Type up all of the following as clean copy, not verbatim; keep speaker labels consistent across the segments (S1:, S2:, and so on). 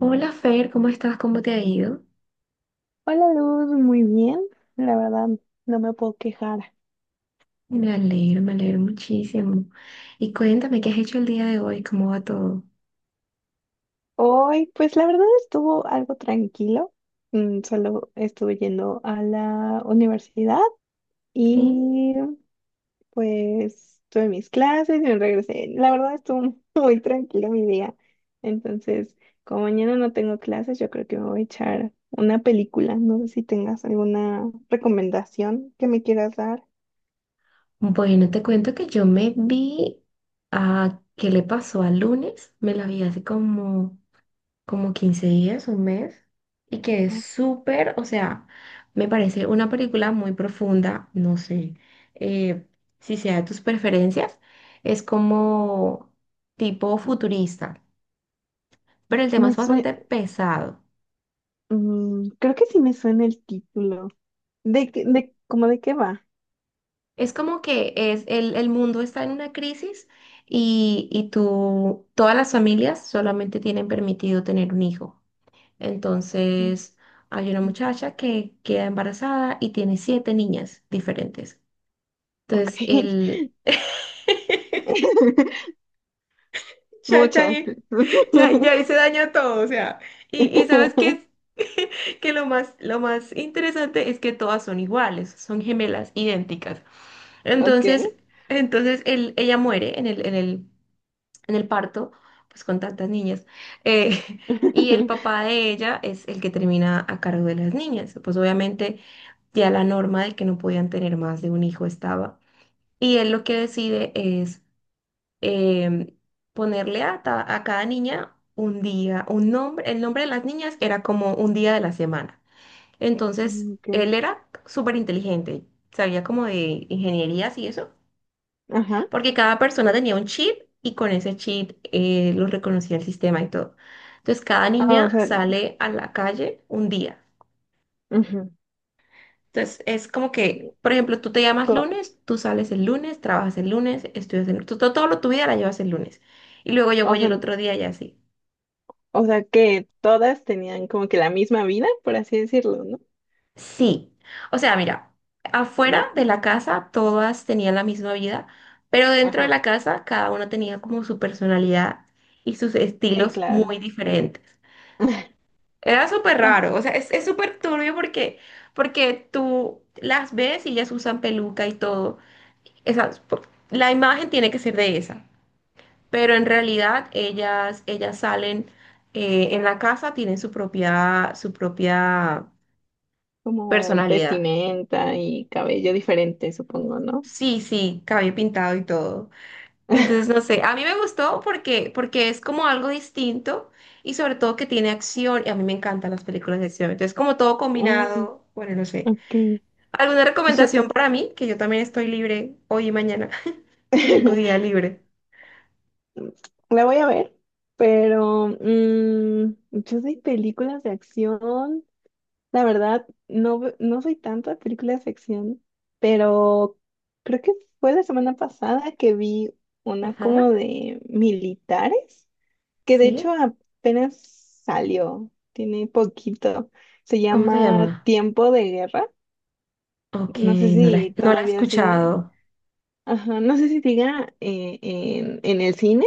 S1: Hola Fer, ¿cómo estás? ¿Cómo te ha ido?
S2: Hola Luz, muy bien. La verdad, no me puedo quejar.
S1: Me alegro muchísimo. Y cuéntame, ¿qué has hecho el día de hoy? ¿Cómo va todo?
S2: Hoy, pues la verdad estuvo algo tranquilo. Solo estuve yendo a la universidad
S1: ¿Sí?
S2: y pues tuve mis clases y me regresé. La verdad estuvo muy tranquilo mi día. Entonces, como mañana no tengo clases, yo creo que me voy a echar una película. No sé si tengas alguna recomendación que me quieras dar.
S1: Bueno, te cuento que yo me vi a qué le pasó al lunes. Me la vi hace como, como 15 días, un mes. Y que es súper, o sea, me parece una película muy profunda. No sé eh, si sea de tus preferencias. Es como tipo futurista. Pero el tema
S2: Me
S1: es bastante
S2: suena,
S1: pesado.
S2: creo que sí me suena el título. ¿De qué, cómo de qué va?
S1: Es como que es el mundo está en una crisis y tú, todas las familias solamente tienen permitido tener un hijo. Entonces, hay una muchacha que queda embarazada y tiene siete niñas diferentes.
S2: Ok.
S1: Entonces, el... Ya, ya,
S2: Muchas.
S1: ya, ya hice daño a todo, o sea, y ¿sabes qué? Que lo más interesante es que todas son iguales, son gemelas, idénticas.
S2: Ok.
S1: Entonces, entonces ella muere en en el parto, pues con tantas niñas. eh, y el papá de ella es el que termina a cargo de las niñas. Pues obviamente ya la norma de que no podían tener más de un hijo estaba. Y él lo que decide es em, ponerle a cada niña un día, un nombre, el nombre de las niñas era como un día de la semana. Entonces,
S2: Ok.
S1: él era súper inteligente, sabía como de ingenierías y eso,
S2: Ajá.
S1: porque cada persona tenía un chip y con ese chip lo reconocía el sistema y todo. Entonces, cada
S2: Ah, o
S1: niña
S2: sea,
S1: sale a la calle un día.
S2: ujú.
S1: Entonces, es como que, por ejemplo, tú te llamas
S2: Co-
S1: lunes, tú sales el lunes, trabajas el lunes, estudias el lunes, todo, todo tu vida la llevas el lunes. Y luego yo
S2: O
S1: voy
S2: sea,
S1: el otro día y así.
S2: o sea que todas tenían como que la misma vida, por así decirlo, ¿no?
S1: Sí, o sea, mira, afuera
S2: De,
S1: de la casa todas tenían la misma vida, pero dentro de
S2: ajá.
S1: la casa cada una tenía como su personalidad y sus
S2: Sí,
S1: estilos
S2: claro.
S1: muy diferentes. Era súper
S2: Ah,
S1: raro, o sea, es súper turbio porque, porque tú las ves y ellas usan peluca y todo. Esas, po- la imagen tiene que ser de esa, pero en realidad ellas salen en la casa, tienen su propia
S2: como
S1: personalidad.
S2: vestimenta y cabello diferente, supongo, ¿no?
S1: Sí, sí, cabello pintado y todo. Entonces, no sé, a mí me gustó porque, porque es como algo distinto y sobre todo que tiene acción y a mí me encantan las películas de acción. Entonces, como todo
S2: Oh,
S1: combinado, bueno, no sé.
S2: ok.
S1: ¿Alguna
S2: Su-
S1: recomendación para mí? Que yo también estoy libre hoy y mañana. Tengo día libre.
S2: La voy a ver, pero yo soy películas de acción. La verdad, no, no soy tanto de películas de acción, pero creo que fue la semana pasada que vi una como
S1: Ajá,
S2: de militares, que de
S1: sí.
S2: hecho apenas salió, tiene poquito. Se
S1: ¿Cómo se
S2: llama
S1: llama?
S2: Tiempo de Guerra.
S1: Ok,
S2: No sé
S1: no la,
S2: si
S1: no la he
S2: todavía sigue,
S1: escuchado.
S2: ajá, no sé si siga en el cine.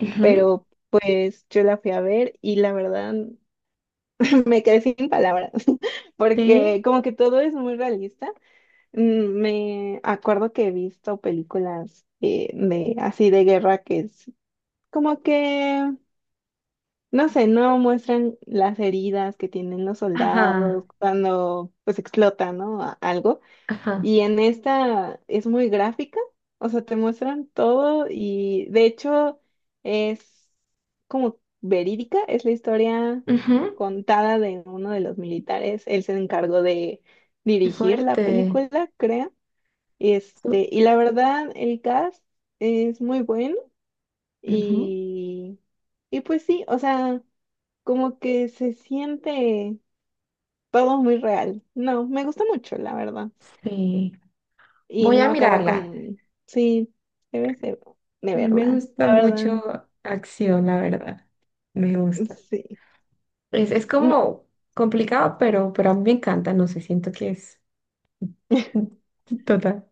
S1: Ujú.
S2: Pero pues yo la fui a ver y la verdad me quedé sin palabras, porque
S1: Sí.
S2: como que todo es muy realista. Me acuerdo que he visto películas de así de guerra que es como que, no sé, no muestran las heridas que tienen los
S1: Ajá,
S2: soldados cuando pues explota, ¿no? Algo.
S1: ajá.
S2: Y en esta es muy gráfica, o sea, te muestran todo y de hecho es como verídica, es la historia
S1: Ujú.
S2: contada de uno de los militares. Él se encargó de
S1: Qué
S2: dirigir la
S1: fuerte.
S2: película, creo. Este,
S1: Su-
S2: y la verdad, el cast es muy bueno
S1: ujú.
S2: y, y pues sí, o sea, como que se siente todo muy real. No, me gusta mucho, la verdad.
S1: Sí.
S2: Y
S1: Voy
S2: no
S1: a
S2: acaba
S1: mirarla. A
S2: con, sí, debes de
S1: mí me
S2: verla, la
S1: gusta
S2: verdad,
S1: mucho acción, la verdad. Me gusta.
S2: sí.
S1: Es
S2: No-
S1: como complicado, pero a mí me encanta. No sé, siento que es total.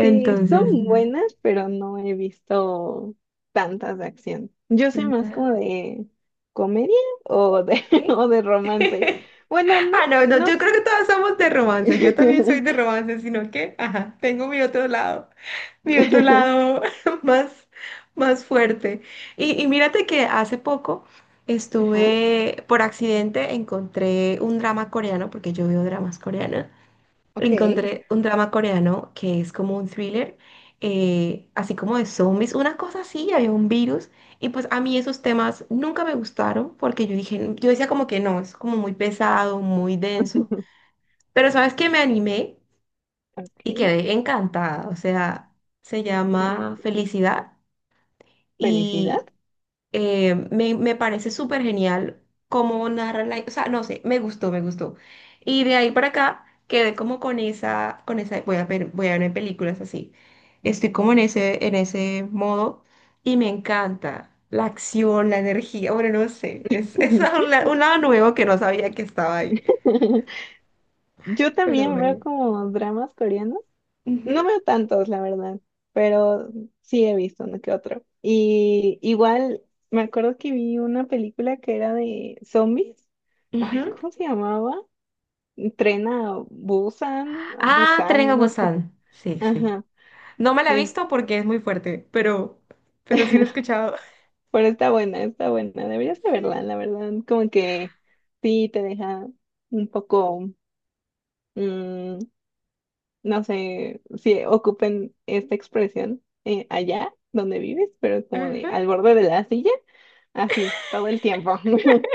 S2: sí, son
S1: Entonces, na-
S2: buenas, pero no he visto tantas de acción. Yo soy más
S1: na-
S2: como de comedia o de,
S1: ¿sí?
S2: o de romance. Bueno, no,
S1: Ah, no, no,
S2: no.
S1: yo creo que todas somos de romance. Yo también soy de
S2: s-
S1: romance, sino que, ajá, tengo mi otro lado. Mi otro lado más, más fuerte. Y mírate que hace poco
S2: Ajá,
S1: estuve, por accidente, encontré un drama coreano, porque yo veo dramas coreanos.
S2: ok,
S1: Encontré un drama coreano que es como un thriller, así como de zombies, una cosa así, había un virus. Y pues a mí esos temas nunca me gustaron, porque yo dije, yo decía como que no, es como muy pesado, muy denso. Pero ¿sabes que me animé y
S2: ok.
S1: quedé encantada? O sea, se llama
S2: Mm,
S1: Felicidad
S2: Felicidad.
S1: y me parece súper genial cómo narran la... O sea, no sé, me gustó, me gustó. Y de ahí para acá quedé como con voy a ver películas así. Estoy como en en ese modo y me encanta. La acción, la energía, bueno, no sé, es, es un, la- un lado nuevo que no sabía que estaba ahí,
S2: Yo
S1: pero
S2: también veo
S1: bueno.
S2: como dramas coreanos.
S1: Ujú,
S2: No veo tantos, la verdad, pero sí he visto uno que otro. Y igual me acuerdo que vi una película que era de zombies. Ay,
S1: ujú.
S2: ¿cómo se llamaba? Tren a Busan,
S1: Ah, Tren
S2: Busan,
S1: a
S2: no sé.
S1: Busan, sí, sí.
S2: Ajá.
S1: No me la he
S2: es-
S1: visto porque es muy fuerte, pero sí lo he escuchado.
S2: Pero está buena, está buena. Deberías de
S1: Sí.
S2: verla, la verdad. Como que sí te deja un poco, mm, no sé si ocupen esta expresión allá donde vives, pero es como de
S1: Ajá.
S2: al borde de la silla. Así, todo el tiempo.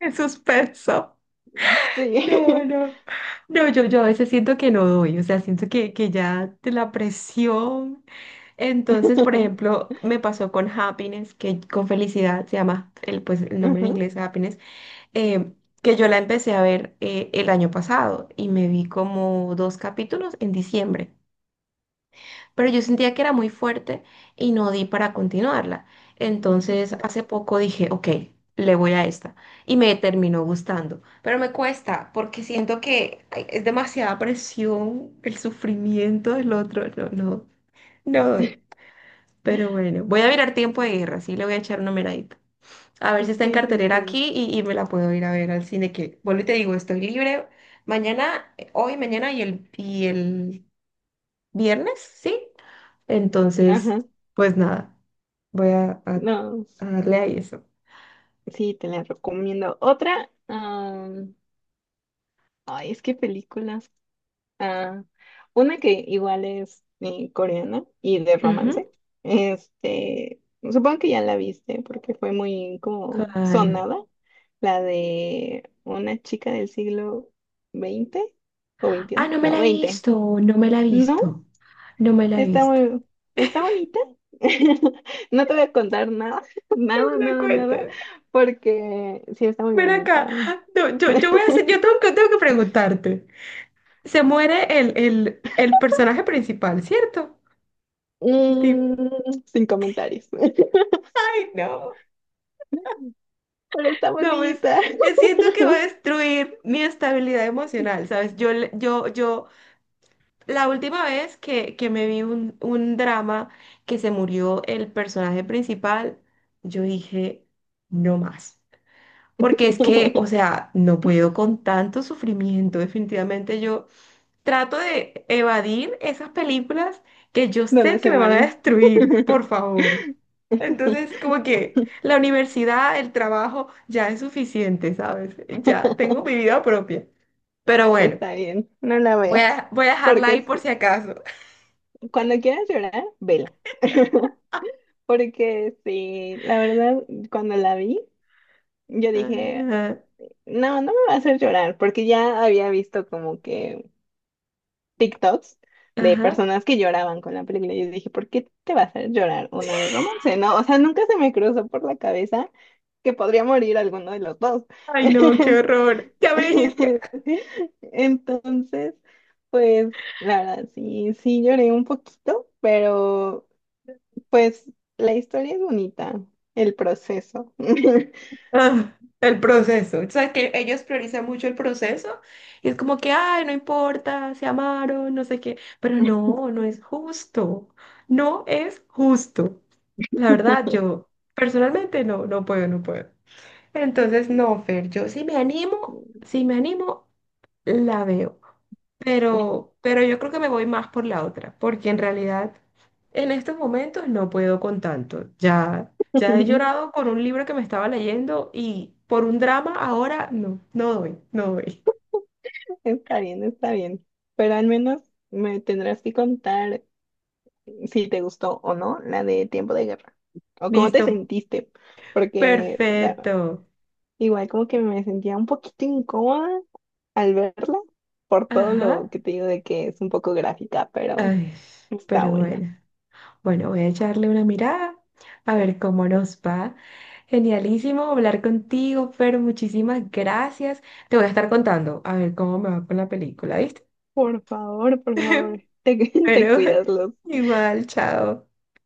S1: El suspenso. No,
S2: Sí.
S1: no. No, yo a veces siento que no doy, o sea, siento que ya de la presión. Entonces, por ejemplo, me pasó con Happiness, que con felicidad se llama el, pues, el nombre en
S2: Ajá,
S1: inglés, Happiness, eh, que yo la empecé a ver el año pasado y me vi como 2 capítulos en diciembre. Pero yo sentía que era muy fuerte y no di para continuarla. Entonces,
S2: ujú.
S1: hace poco dije, ok, le voy a esta y me terminó gustando, pero me cuesta porque siento que ay, es demasiada presión el sufrimiento del otro. No, no, no doy. Pero bueno, voy a mirar Tiempo de Guerra, sí, le voy a echar una miradita. A ver si está en
S2: Sí, sí,
S1: cartelera
S2: sí.
S1: aquí y me la puedo ir a ver al cine, que vuelvo y te digo, estoy libre mañana, hoy, mañana y el viernes, ¿sí? Entonces,
S2: Ajá.
S1: pues nada, voy
S2: No,
S1: a darle ahí eso.
S2: sí, te la recomiendo. Otra, ay, es que películas. Ah, una que igual es coreana y de romance.
S1: Ujú.
S2: Este, supongo que ya la viste porque fue muy como
S1: ¿Cuál?
S2: sonada. La de una chica del siglo XX o
S1: Ah,
S2: XXI.
S1: no me
S2: No,
S1: la he
S2: 20.
S1: visto, no me la he visto,
S2: ¿No?
S1: no me la he
S2: Está
S1: visto.
S2: muy, está bonita. No te voy a contar nada,
S1: No me
S2: nada,
S1: la
S2: nada, nada,
S1: cuentes.
S2: porque sí está muy
S1: Ven acá.
S2: bonita.
S1: No, yo voy a hacer, yo tengo que preguntarte. Se muere el personaje principal, ¿cierto? Di-
S2: Sin comentarios. Pero
S1: Ay, no.
S2: está
S1: No, pues
S2: bonita.
S1: siento que va a destruir mi estabilidad emocional, ¿sabes? Yo, le- yo, yo. La última vez que me vi un drama que se murió el personaje principal, yo dije, no más. Porque es que, o sea, no puedo con tanto sufrimiento. Definitivamente yo trato de evadir esas películas que yo
S2: Donde
S1: sé que
S2: se
S1: me van a
S2: mueren.
S1: destruir, por favor. Entonces, como que la universidad, el trabajo, ya es suficiente, ¿sabes? Ya tengo mi vida propia. Pero bueno,
S2: Está bien, no la
S1: voy
S2: veas.
S1: a, voy a dejarla
S2: Porque
S1: ahí por
S2: sí,
S1: si acaso.
S2: cuando quieras llorar, vela. Porque sí, la verdad, cuando la vi, yo dije,
S1: Ajá.
S2: no, no me va a hacer llorar, porque ya había visto como que TikToks de
S1: Ajá.
S2: personas que lloraban con la película. Y yo dije, ¿por qué te va a hacer llorar una de romance? No, o sea, nunca se me cruzó por la cabeza que podría morir alguno de los dos.
S1: Ay, no, qué horror. Ya me dijiste.
S2: Entonces, pues, la verdad, sí, sí lloré un poquito, pero pues la historia es bonita, el proceso.
S1: Ah, el proceso. O sea, que ellos priorizan mucho el proceso y es como que, ay, no importa, se amaron, no sé qué. Pero no, no es justo. No es justo. La verdad, yo personalmente no, no puedo, no puedo. Entonces, no, Fer, yo sí me animo, si me animo, la veo. Pero yo creo que me voy más por la otra, porque en realidad en estos momentos no puedo con tanto. Ya, ya he llorado con un libro que me estaba leyendo y por un drama ahora no, no doy, no doy.
S2: Está bien, está bien. Pero al menos me tendrás que contar si te gustó o no la de Tiempo de Guerra. O cómo te
S1: Listo,
S2: sentiste. Porque
S1: perfecto.
S2: igual como que me sentía un poquito incómoda al verla. Por todo lo
S1: Ajá,
S2: que te digo de que es un poco gráfica, pero
S1: ay,
S2: está
S1: pero
S2: buena.
S1: bueno. Bueno, voy a echarle una mirada a ver cómo nos va. Genialísimo hablar contigo, Fer, muchísimas gracias. Te voy a estar contando a ver cómo me va con la película, ¿viste?
S2: Por favor, por favor. Te,
S1: Pero
S2: te cuidas, Luz.
S1: igual, chao.